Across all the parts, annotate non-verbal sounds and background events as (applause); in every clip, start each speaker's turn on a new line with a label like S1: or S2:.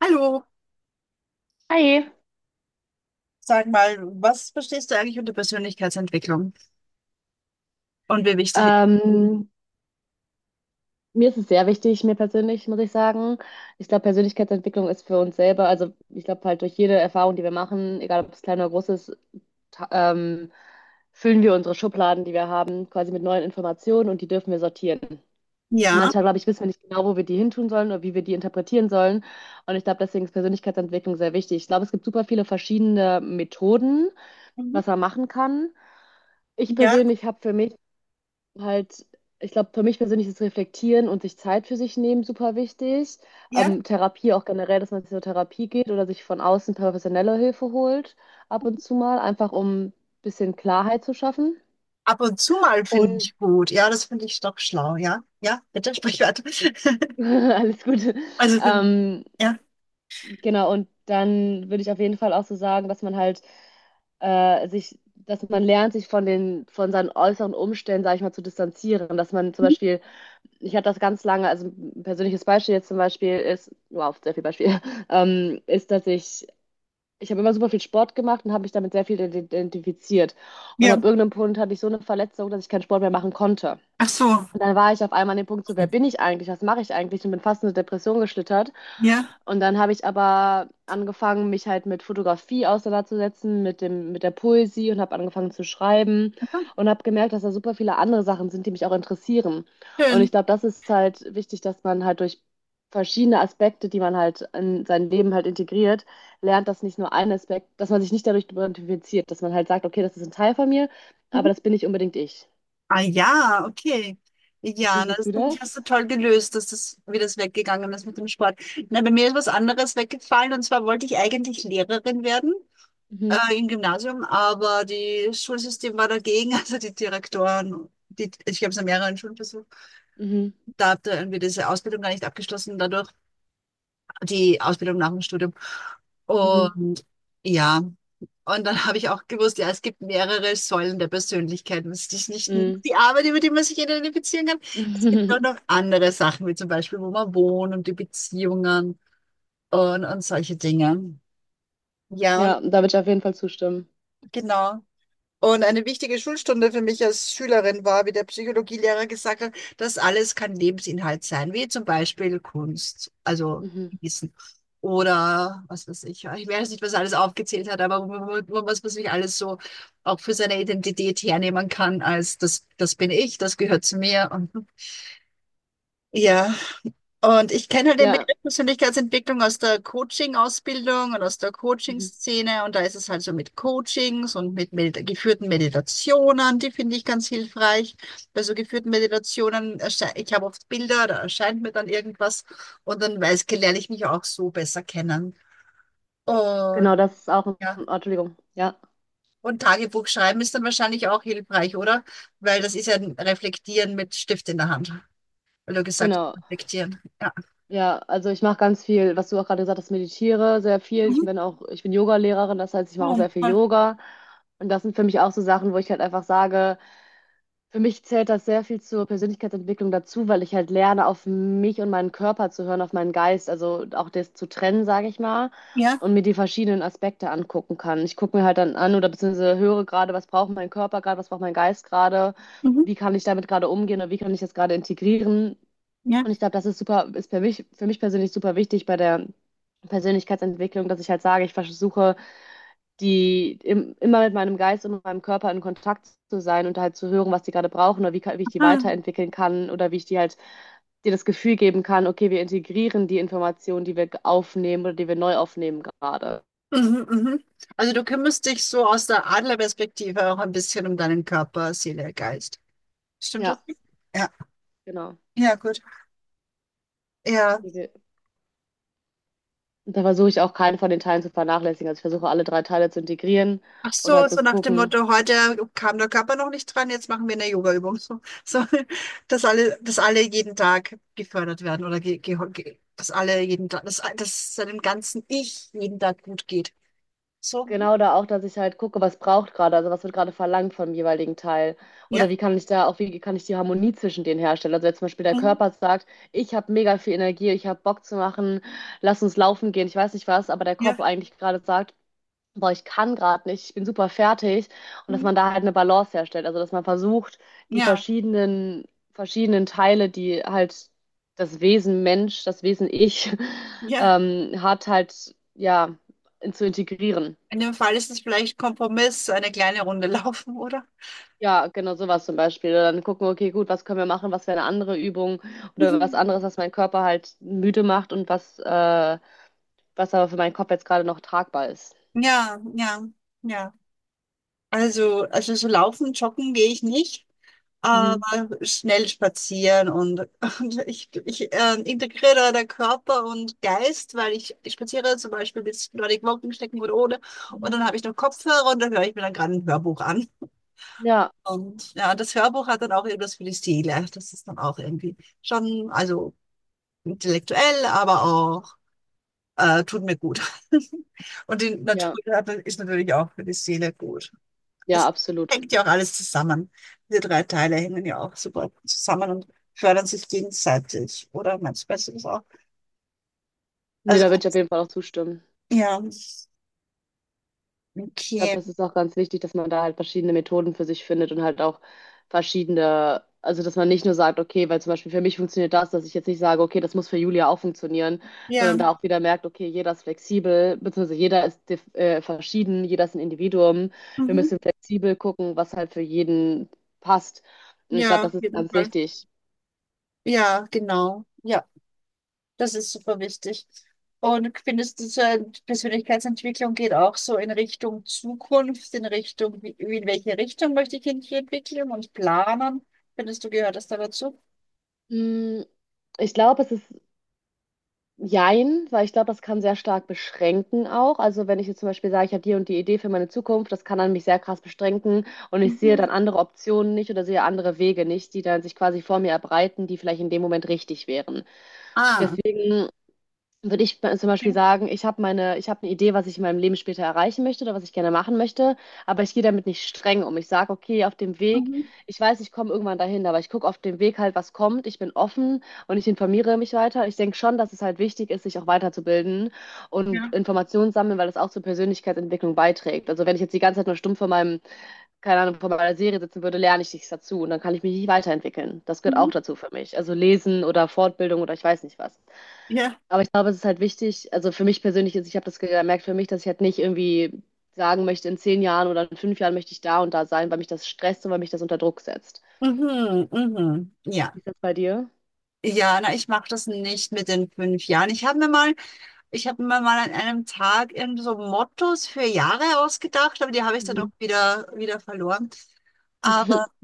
S1: Hallo,
S2: Hi,
S1: sag mal, was verstehst du eigentlich unter Persönlichkeitsentwicklung und wie wichtig?
S2: ähm, mir ist es sehr wichtig, mir persönlich, muss ich sagen. Ich glaube, Persönlichkeitsentwicklung ist für uns selber, also ich glaube halt durch jede Erfahrung, die wir machen, egal ob es klein oder groß ist, ta- ähm, füllen wir unsere Schubladen, die wir haben, quasi mit neuen Informationen und die dürfen wir sortieren. Und
S1: Ja,
S2: manchmal, glaube ich, wissen wir nicht genau, wo wir die hintun sollen oder wie wir die interpretieren sollen. Und ich glaube, deswegen ist Persönlichkeitsentwicklung sehr wichtig. Ich glaube, es gibt super viele verschiedene Methoden,
S1: mhm,
S2: was man machen kann. Ich
S1: ja,
S2: persönlich habe für mich halt, ich glaube, für mich persönlich ist Reflektieren und sich Zeit für sich nehmen super wichtig.
S1: ja.
S2: Therapie auch generell, dass man zur Therapie geht oder sich von außen professionelle Hilfe holt, ab und zu mal, einfach um ein bisschen Klarheit zu schaffen.
S1: Ab und zu mal finde
S2: Und
S1: ich gut. Ja, das finde ich doch schlau. Ja, ja, bitte sprich weiter. (laughs)
S2: (laughs) alles Gute.
S1: Also,
S2: Ähm,
S1: ja.
S2: genau, und dann würde ich auf jeden Fall auch so sagen, dass man halt dass man lernt, sich von von seinen äußeren Umständen, sag ich mal, zu distanzieren. Dass man zum
S1: Mhm.
S2: Beispiel ich hatte das ganz lange, also ein persönliches Beispiel jetzt zum Beispiel ist, wow, sehr viel Beispiel, (laughs) ähm, ist, dass ich, ich habe immer super viel Sport gemacht und habe mich damit sehr viel identifiziert. Und ab
S1: Ja.
S2: irgendeinem Punkt hatte ich so eine Verletzung, dass ich keinen Sport mehr machen konnte.
S1: Ach so.
S2: Und dann war ich auf einmal an dem Punkt so, wer bin ich eigentlich? Was mache ich eigentlich? Und bin fast in eine Depression geschlittert.
S1: Ja.
S2: Und dann habe ich aber angefangen, mich halt mit Fotografie auseinanderzusetzen, mit der Poesie und habe angefangen zu schreiben
S1: Ach so.
S2: und habe gemerkt, dass da super viele andere Sachen sind, die mich auch interessieren. Und ich
S1: Schön.
S2: glaube, das ist halt wichtig, dass man halt durch verschiedene Aspekte, die man halt in sein Leben halt integriert, lernt, dass nicht nur ein Aspekt, dass man sich nicht dadurch identifiziert, dass man halt sagt, okay, das ist ein Teil von mir,
S1: Mhm.
S2: aber das bin nicht unbedingt ich.
S1: Ah ja, okay.
S2: Wie
S1: Ja, na,
S2: siehst
S1: das
S2: du
S1: finde ich hast du
S2: das?
S1: toll gelöst, dass das, wie das weggegangen ist mit dem Sport. Na, bei mir ist was anderes weggefallen und zwar wollte ich eigentlich Lehrerin werden, im Gymnasium, aber das Schulsystem war dagegen, (laughs) also die Direktoren. Die, ich habe es an mehreren Schulen versucht.
S2: Mhm.
S1: Da habt ihr irgendwie diese Ausbildung gar nicht abgeschlossen, dadurch die Ausbildung nach dem Studium.
S2: Mhm.
S1: Und ja, und dann habe ich auch gewusst, ja, es gibt mehrere Säulen der Persönlichkeit. Es ist nicht nur
S2: Mhm.
S1: die Arbeit, über die man sich identifizieren kann. Es gibt auch noch
S2: (laughs)
S1: andere Sachen, wie zum Beispiel, wo man wohnt und die Beziehungen und solche Dinge. Ja, und
S2: Ja, da würde ich auf jeden Fall zustimmen.
S1: genau. Und eine wichtige Schulstunde für mich als Schülerin war, wie der Psychologielehrer gesagt hat, das alles kann Lebensinhalt sein, wie zum Beispiel Kunst, also
S2: Mhm.
S1: Wissen. Oder was weiß ich, ich weiß nicht, was er alles aufgezählt hat, aber was man sich alles so auch für seine Identität hernehmen kann, als das, das bin ich, das gehört zu mir. Und ja. Und ich kenne halt den
S2: Ja,
S1: Begriff Persönlichkeitsentwicklung aus der Coaching-Ausbildung und aus der
S2: mhm.
S1: Coaching-Szene. Und da ist es halt so mit Coachings und mit Medi geführten Meditationen, die finde ich ganz hilfreich. Bei so geführten Meditationen, ich habe oft Bilder, da erscheint mir dann irgendwas und dann lerne ich mich auch so besser kennen. Und
S2: Genau, das ist oh,
S1: ja,
S2: Entschuldigung, ja,
S1: und Tagebuch schreiben ist dann wahrscheinlich auch hilfreich, oder? Weil das ist ja ein Reflektieren mit Stift in der Hand, weil du gesagt
S2: genau.
S1: hast, reflektieren. Ja.
S2: Ja, also ich mache ganz viel, was du auch gerade gesagt hast, meditiere sehr viel.
S1: Mhm.
S2: Ich bin Yoga-Lehrerin, das heißt, ich mache auch
S1: Oh,
S2: sehr viel
S1: voll.
S2: Yoga. Und das sind für mich auch so Sachen, wo ich halt einfach sage, für mich zählt das sehr viel zur Persönlichkeitsentwicklung dazu, weil ich halt lerne, auf mich und meinen Körper zu hören, auf meinen Geist, also auch das zu trennen, sage ich mal,
S1: Ja.
S2: und mir die verschiedenen Aspekte angucken kann. Ich gucke mir halt dann an oder beziehungsweise höre gerade, was braucht mein Körper gerade, was braucht mein Geist gerade,
S1: Mhm.
S2: wie kann ich damit gerade umgehen oder wie kann ich das gerade integrieren.
S1: Ja.
S2: Und ich glaube, das ist super, ist für mich persönlich super wichtig bei der Persönlichkeitsentwicklung, dass ich halt sage, ich versuche immer mit meinem Geist und mit meinem Körper in Kontakt zu sein und halt zu hören, was die gerade brauchen oder wie ich die
S1: Ah.
S2: weiterentwickeln kann oder wie ich die halt dir das Gefühl geben kann, okay, wir integrieren die Informationen, die wir aufnehmen oder die wir neu aufnehmen gerade.
S1: Mhm, mhm. Also du kümmerst dich so aus der Adlerperspektive auch ein bisschen um deinen Körper, Seele, Geist. Stimmt das?
S2: Ja,
S1: Ja,
S2: genau.
S1: ja, gut. Ja.
S2: Die wir- und Da versuche ich auch keinen von den Teilen zu vernachlässigen. Also ich versuche alle drei Teile zu integrieren
S1: Ach
S2: und halt
S1: so,
S2: zu
S1: so nach dem
S2: gucken,
S1: Motto, heute kam der Körper noch nicht dran, jetzt machen wir eine Yoga-Übung. So, so, dass alle jeden Tag gefördert werden oder dass alle jeden Tag, dass seinem ganzen Ich jeden Tag gut geht. So,
S2: genau da auch, dass ich halt gucke, was braucht gerade, also was wird gerade verlangt vom jeweiligen Teil.
S1: ja,
S2: Oder wie kann ich da auch, wie kann ich die Harmonie zwischen denen herstellen? Also wenn zum Beispiel der
S1: mhm,
S2: Körper sagt, ich habe mega viel Energie, ich habe Bock zu machen, lass uns laufen gehen, ich weiß nicht was, aber der
S1: ja,
S2: Kopf eigentlich gerade sagt, boah, ich kann gerade nicht, ich bin super fertig. Und dass
S1: mhm,
S2: man da halt eine Balance herstellt. Also dass man versucht, die
S1: ja,
S2: verschiedenen, verschiedenen Teile, die halt das Wesen Mensch, das Wesen Ich, (laughs)
S1: ja.
S2: hat halt, ja, zu integrieren.
S1: In dem Fall ist es vielleicht Kompromiss, eine kleine Runde (laughs) laufen, oder?
S2: Ja, genau sowas zum Beispiel. Oder dann gucken, okay, gut, was können wir machen? Was wäre eine andere Übung oder was
S1: Mhm.
S2: anderes, was meinen Körper halt müde macht und was aber für meinen Kopf jetzt gerade noch tragbar ist.
S1: Ja, ja, ja. Also, so laufen, joggen gehe ich nicht,
S2: Mhm.
S1: aber schnell spazieren und, (laughs) und ich, integriere da der Körper und Geist, weil ich spaziere zum Beispiel bis Nordic Walking stecken oder ohne und
S2: Mhm.
S1: dann habe ich noch Kopfhörer und dann höre ich mir dann gerade ein Hörbuch an.
S2: Ja,
S1: Und ja, das Hörbuch hat dann auch irgendwas für die Seele. Das ist dann auch irgendwie schon, also intellektuell, aber auch tut mir gut. (laughs) Und die
S2: ja,
S1: Natur ist natürlich auch für die Seele gut.
S2: ja,
S1: Es
S2: absolut.
S1: hängt ja auch alles zusammen. Diese drei Teile hängen ja auch super zusammen und fördern sich gegenseitig. Oder meinst du besser das auch?
S2: Nee,
S1: Also,
S2: da würde ich auf jeden Fall auch zustimmen.
S1: ja,
S2: Ich glaube,
S1: okay.
S2: das ist auch ganz wichtig, dass man da halt verschiedene Methoden für sich findet und halt auch verschiedene, also dass man nicht nur sagt, okay, weil zum Beispiel für mich funktioniert das, dass ich jetzt nicht sage, okay, das muss für Julia auch funktionieren,
S1: Ja,
S2: sondern da auch wieder merkt, okay, jeder ist flexibel, beziehungsweise jeder ist verschieden, jeder ist ein Individuum. Wir
S1: mhm.
S2: müssen flexibel gucken, was halt für jeden passt. Und ich glaube,
S1: Ja, auf
S2: das ist
S1: jeden
S2: ganz
S1: Fall.
S2: wichtig.
S1: Ja, genau. Ja. Das ist super wichtig. Und findest du, so eine Persönlichkeitsentwicklung geht auch so in Richtung Zukunft, in Richtung, in welche Richtung möchte ich mich entwickeln und planen? Findest du, gehört das da dazu?
S2: Mm, Ich glaube, es ist jein, weil ich glaube, das kann sehr stark beschränken auch. Also wenn ich jetzt zum Beispiel sage, ich habe die und die Idee für meine Zukunft, das kann dann mich sehr krass beschränken und ich sehe
S1: Mhm.
S2: dann andere Optionen nicht oder sehe andere Wege nicht, die dann sich quasi vor mir erbreiten, die vielleicht in dem Moment richtig wären.
S1: Ah,
S2: Deswegen würde ich zum
S1: okay.
S2: Beispiel sagen, ich habe eine Idee, was ich in meinem Leben später erreichen möchte oder was ich gerne machen möchte, aber ich gehe damit nicht streng um. Ich sage, okay, auf dem Weg,
S1: Mhm.
S2: ich weiß, ich komme irgendwann dahin, aber ich gucke auf dem Weg halt, was kommt. Ich bin offen und ich informiere mich weiter. Ich denke schon, dass es halt wichtig ist, sich auch weiterzubilden und
S1: Ja.
S2: Informationen sammeln, weil das auch zur Persönlichkeitsentwicklung beiträgt. Also wenn ich jetzt die ganze Zeit nur stumpf keine Ahnung, vor meiner Serie sitzen würde, lerne ich nichts dazu und dann kann ich mich nicht weiterentwickeln. Das gehört
S1: Mhm.
S2: auch dazu für mich. Also lesen oder Fortbildung oder ich weiß nicht was.
S1: Ja.
S2: Aber ich glaube, es ist halt wichtig, also für mich persönlich ist, ich habe das gemerkt für mich, dass ich halt nicht irgendwie sagen möchte, in 10 Jahren oder in 5 Jahren möchte ich da und da sein, weil mich das stresst und weil mich das unter Druck setzt.
S1: Mhm. Mhm. Ja.
S2: Wie ist das bei dir?
S1: Ja, na, ich mache das nicht mit den 5 Jahren. Ich habe mir mal an einem Tag irgendwie so Mottos für Jahre ausgedacht, aber die habe ich dann auch
S2: Mhm.
S1: wieder verloren. Aber
S2: (laughs)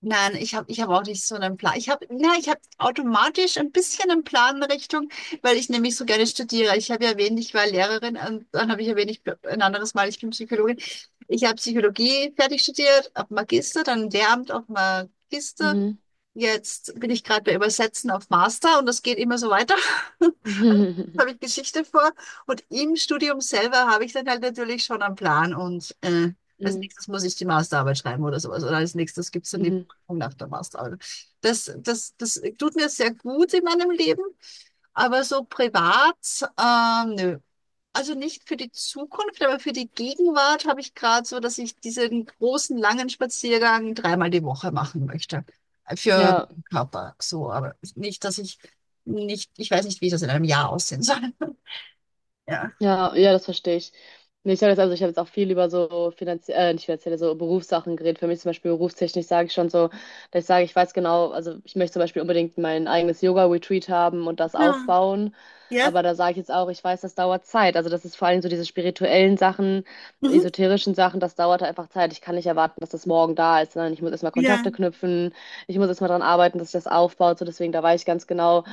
S1: Nein, ich habe ich hab auch nicht so einen Plan. Ich habe automatisch ein bisschen einen Plan in Richtung, weil ich nämlich so gerne studiere. Ich habe ja erwähnt, ich war Lehrerin und dann habe ich erwähnt, ich bin ein anderes Mal, ich bin Psychologin. Ich habe Psychologie fertig studiert, auf Magister, dann im Lehramt auf Magister.
S2: Mhm.
S1: Jetzt bin ich gerade bei Übersetzen auf Master und das geht immer so weiter. (laughs)
S2: (laughs) Mhm.
S1: habe ich Geschichte vor und im Studium selber habe ich dann halt natürlich schon einen Plan und als
S2: Mhm.
S1: nächstes muss ich die Masterarbeit schreiben oder sowas oder als nächstes gibt es dann die
S2: Mhm.
S1: Prüfung nach der Masterarbeit. Das tut mir sehr gut in meinem Leben, aber so privat, nö. Also nicht für die Zukunft, aber für die Gegenwart habe ich gerade so, dass ich diesen großen, langen Spaziergang dreimal die Woche machen möchte. Für
S2: Ja.
S1: den Körper so, aber nicht, dass ich nicht, ich weiß nicht, wie das in einem Jahr aussehen soll. Ja.
S2: Ja, das verstehe ich. Nee, ich sage jetzt also, ich habe jetzt auch viel über so nicht finanzielle, so Berufssachen geredet. Für mich zum Beispiel berufstechnisch sage ich schon so, dass ich sage, ich weiß genau, also ich möchte zum Beispiel unbedingt mein eigenes Yoga-Retreat haben und das
S1: Ja.
S2: aufbauen.
S1: Ja.
S2: Aber da sage ich jetzt auch, ich weiß, das dauert Zeit. Also das ist vor allem so diese spirituellen Sachen,
S1: Mhm.
S2: esoterischen Sachen, das dauert einfach Zeit. Ich kann nicht erwarten, dass das morgen da ist, sondern ich muss erstmal
S1: Ja.
S2: Kontakte knüpfen, ich muss erstmal dran arbeiten, dass ich das aufbaut. So deswegen, da weiß ich ganz genau.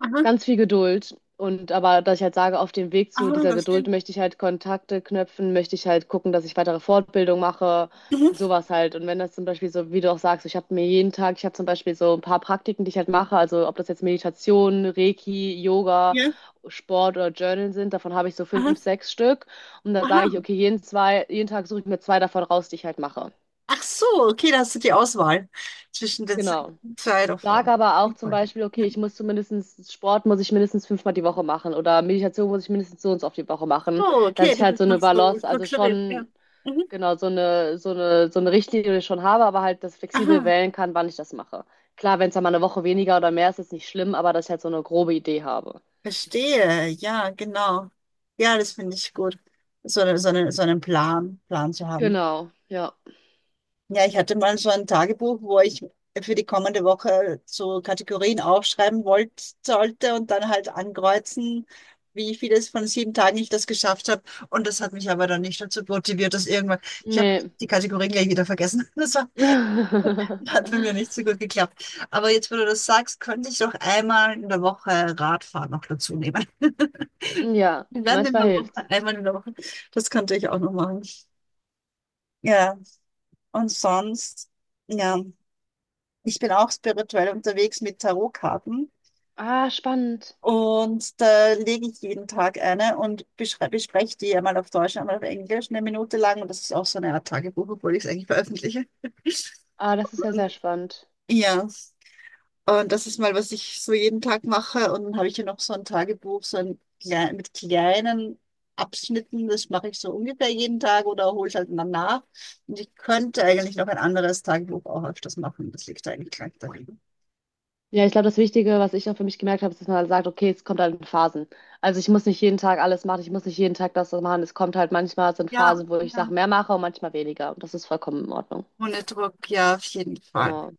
S1: Aha.
S2: Ganz viel Geduld. Und aber, dass ich halt sage, auf dem Weg zu
S1: Aha,
S2: dieser
S1: was
S2: Geduld
S1: denn?
S2: möchte ich halt Kontakte knüpfen, möchte ich halt gucken, dass ich weitere Fortbildung mache,
S1: Mhm.
S2: sowas halt. Und wenn das zum Beispiel so, wie du auch sagst, ich habe mir jeden Tag, ich habe zum Beispiel so ein paar Praktiken, die ich halt mache, also ob das jetzt Meditation, Reiki, Yoga,
S1: Ja.
S2: Sport oder Journal sind, davon habe ich so
S1: Aha.
S2: fünf, sechs Stück. Und da sage ich,
S1: Aha.
S2: okay, jeden Tag suche ich mir zwei davon raus, die ich halt mache.
S1: Ach so, okay, da hast du die Auswahl zwischen den
S2: Genau.
S1: zwei
S2: Sag
S1: davon.
S2: aber auch
S1: Ich
S2: zum
S1: wollte-
S2: Beispiel, okay,
S1: Ja.
S2: ich muss zumindest Sport muss ich mindestens 5-mal die Woche machen oder Meditation muss ich mindestens so und so oft die Woche machen,
S1: Oh, okay,
S2: dass ich
S1: das
S2: halt so
S1: ist
S2: eine
S1: noch so
S2: Balance, also
S1: strukturiert. Ja.
S2: schon
S1: Mhm.
S2: genau so eine Richtlinie schon habe, aber halt das flexibel
S1: Aha.
S2: wählen kann, wann ich das mache. Klar, wenn es dann mal eine Woche weniger oder mehr ist, ist nicht schlimm, aber dass ich halt so eine grobe Idee habe.
S1: Verstehe. Ja, genau. Ja, das finde ich gut. So, so einen Plan zu haben.
S2: Genau, ja.
S1: Ja, ich hatte mal so ein Tagebuch, wo ich für die kommende Woche so Kategorien aufschreiben wollte, sollte und dann halt ankreuzen, wie vieles von 7 Tagen ich das geschafft habe. Und das hat mich aber dann nicht dazu motiviert, dass irgendwann, ich habe
S2: Nee.
S1: die Kategorien gleich wieder vergessen. (laughs) Hat bei mir
S2: (laughs)
S1: nicht so gut geklappt. Aber jetzt, wo du das sagst, könnte ich doch einmal in der Woche Radfahren noch dazu nehmen. (laughs)
S2: Ja,
S1: Wir werden in
S2: manchmal
S1: der Woche,
S2: hilft.
S1: einmal in der Woche. Das könnte ich auch noch machen. Ja, und sonst, ja. Ich bin auch spirituell unterwegs mit Tarotkarten
S2: Ah, spannend.
S1: und da lege ich jeden Tag eine und bespreche die einmal auf Deutsch, einmal auf Englisch, eine Minute lang. Und das ist auch so eine Art Tagebuch, obwohl ich es eigentlich veröffentliche. (laughs)
S2: Ah, das ist ja
S1: Und,
S2: sehr spannend.
S1: ja, und das ist mal, was ich so jeden Tag mache. Und dann habe ich hier noch so ein Tagebuch, so ein mit kleinen Abschnitten. Das mache ich so ungefähr jeden Tag oder hole es halt dann nach. Und ich könnte eigentlich noch ein anderes Tagebuch auch öfters machen. Das liegt eigentlich gleich dahin.
S2: Ja, ich glaube, das Wichtige, was ich auch für mich gemerkt habe, ist, dass man halt sagt, okay, es kommt halt in Phasen. Also ich muss nicht jeden Tag alles machen, ich muss nicht jeden Tag das machen. Es kommt halt manchmal, es sind
S1: Ja,
S2: Phasen, wo ich
S1: ja.
S2: Sachen mehr mache und manchmal weniger. Und das ist vollkommen in Ordnung.
S1: Ohne Druck, ja, auf jeden Fall.
S2: Genau.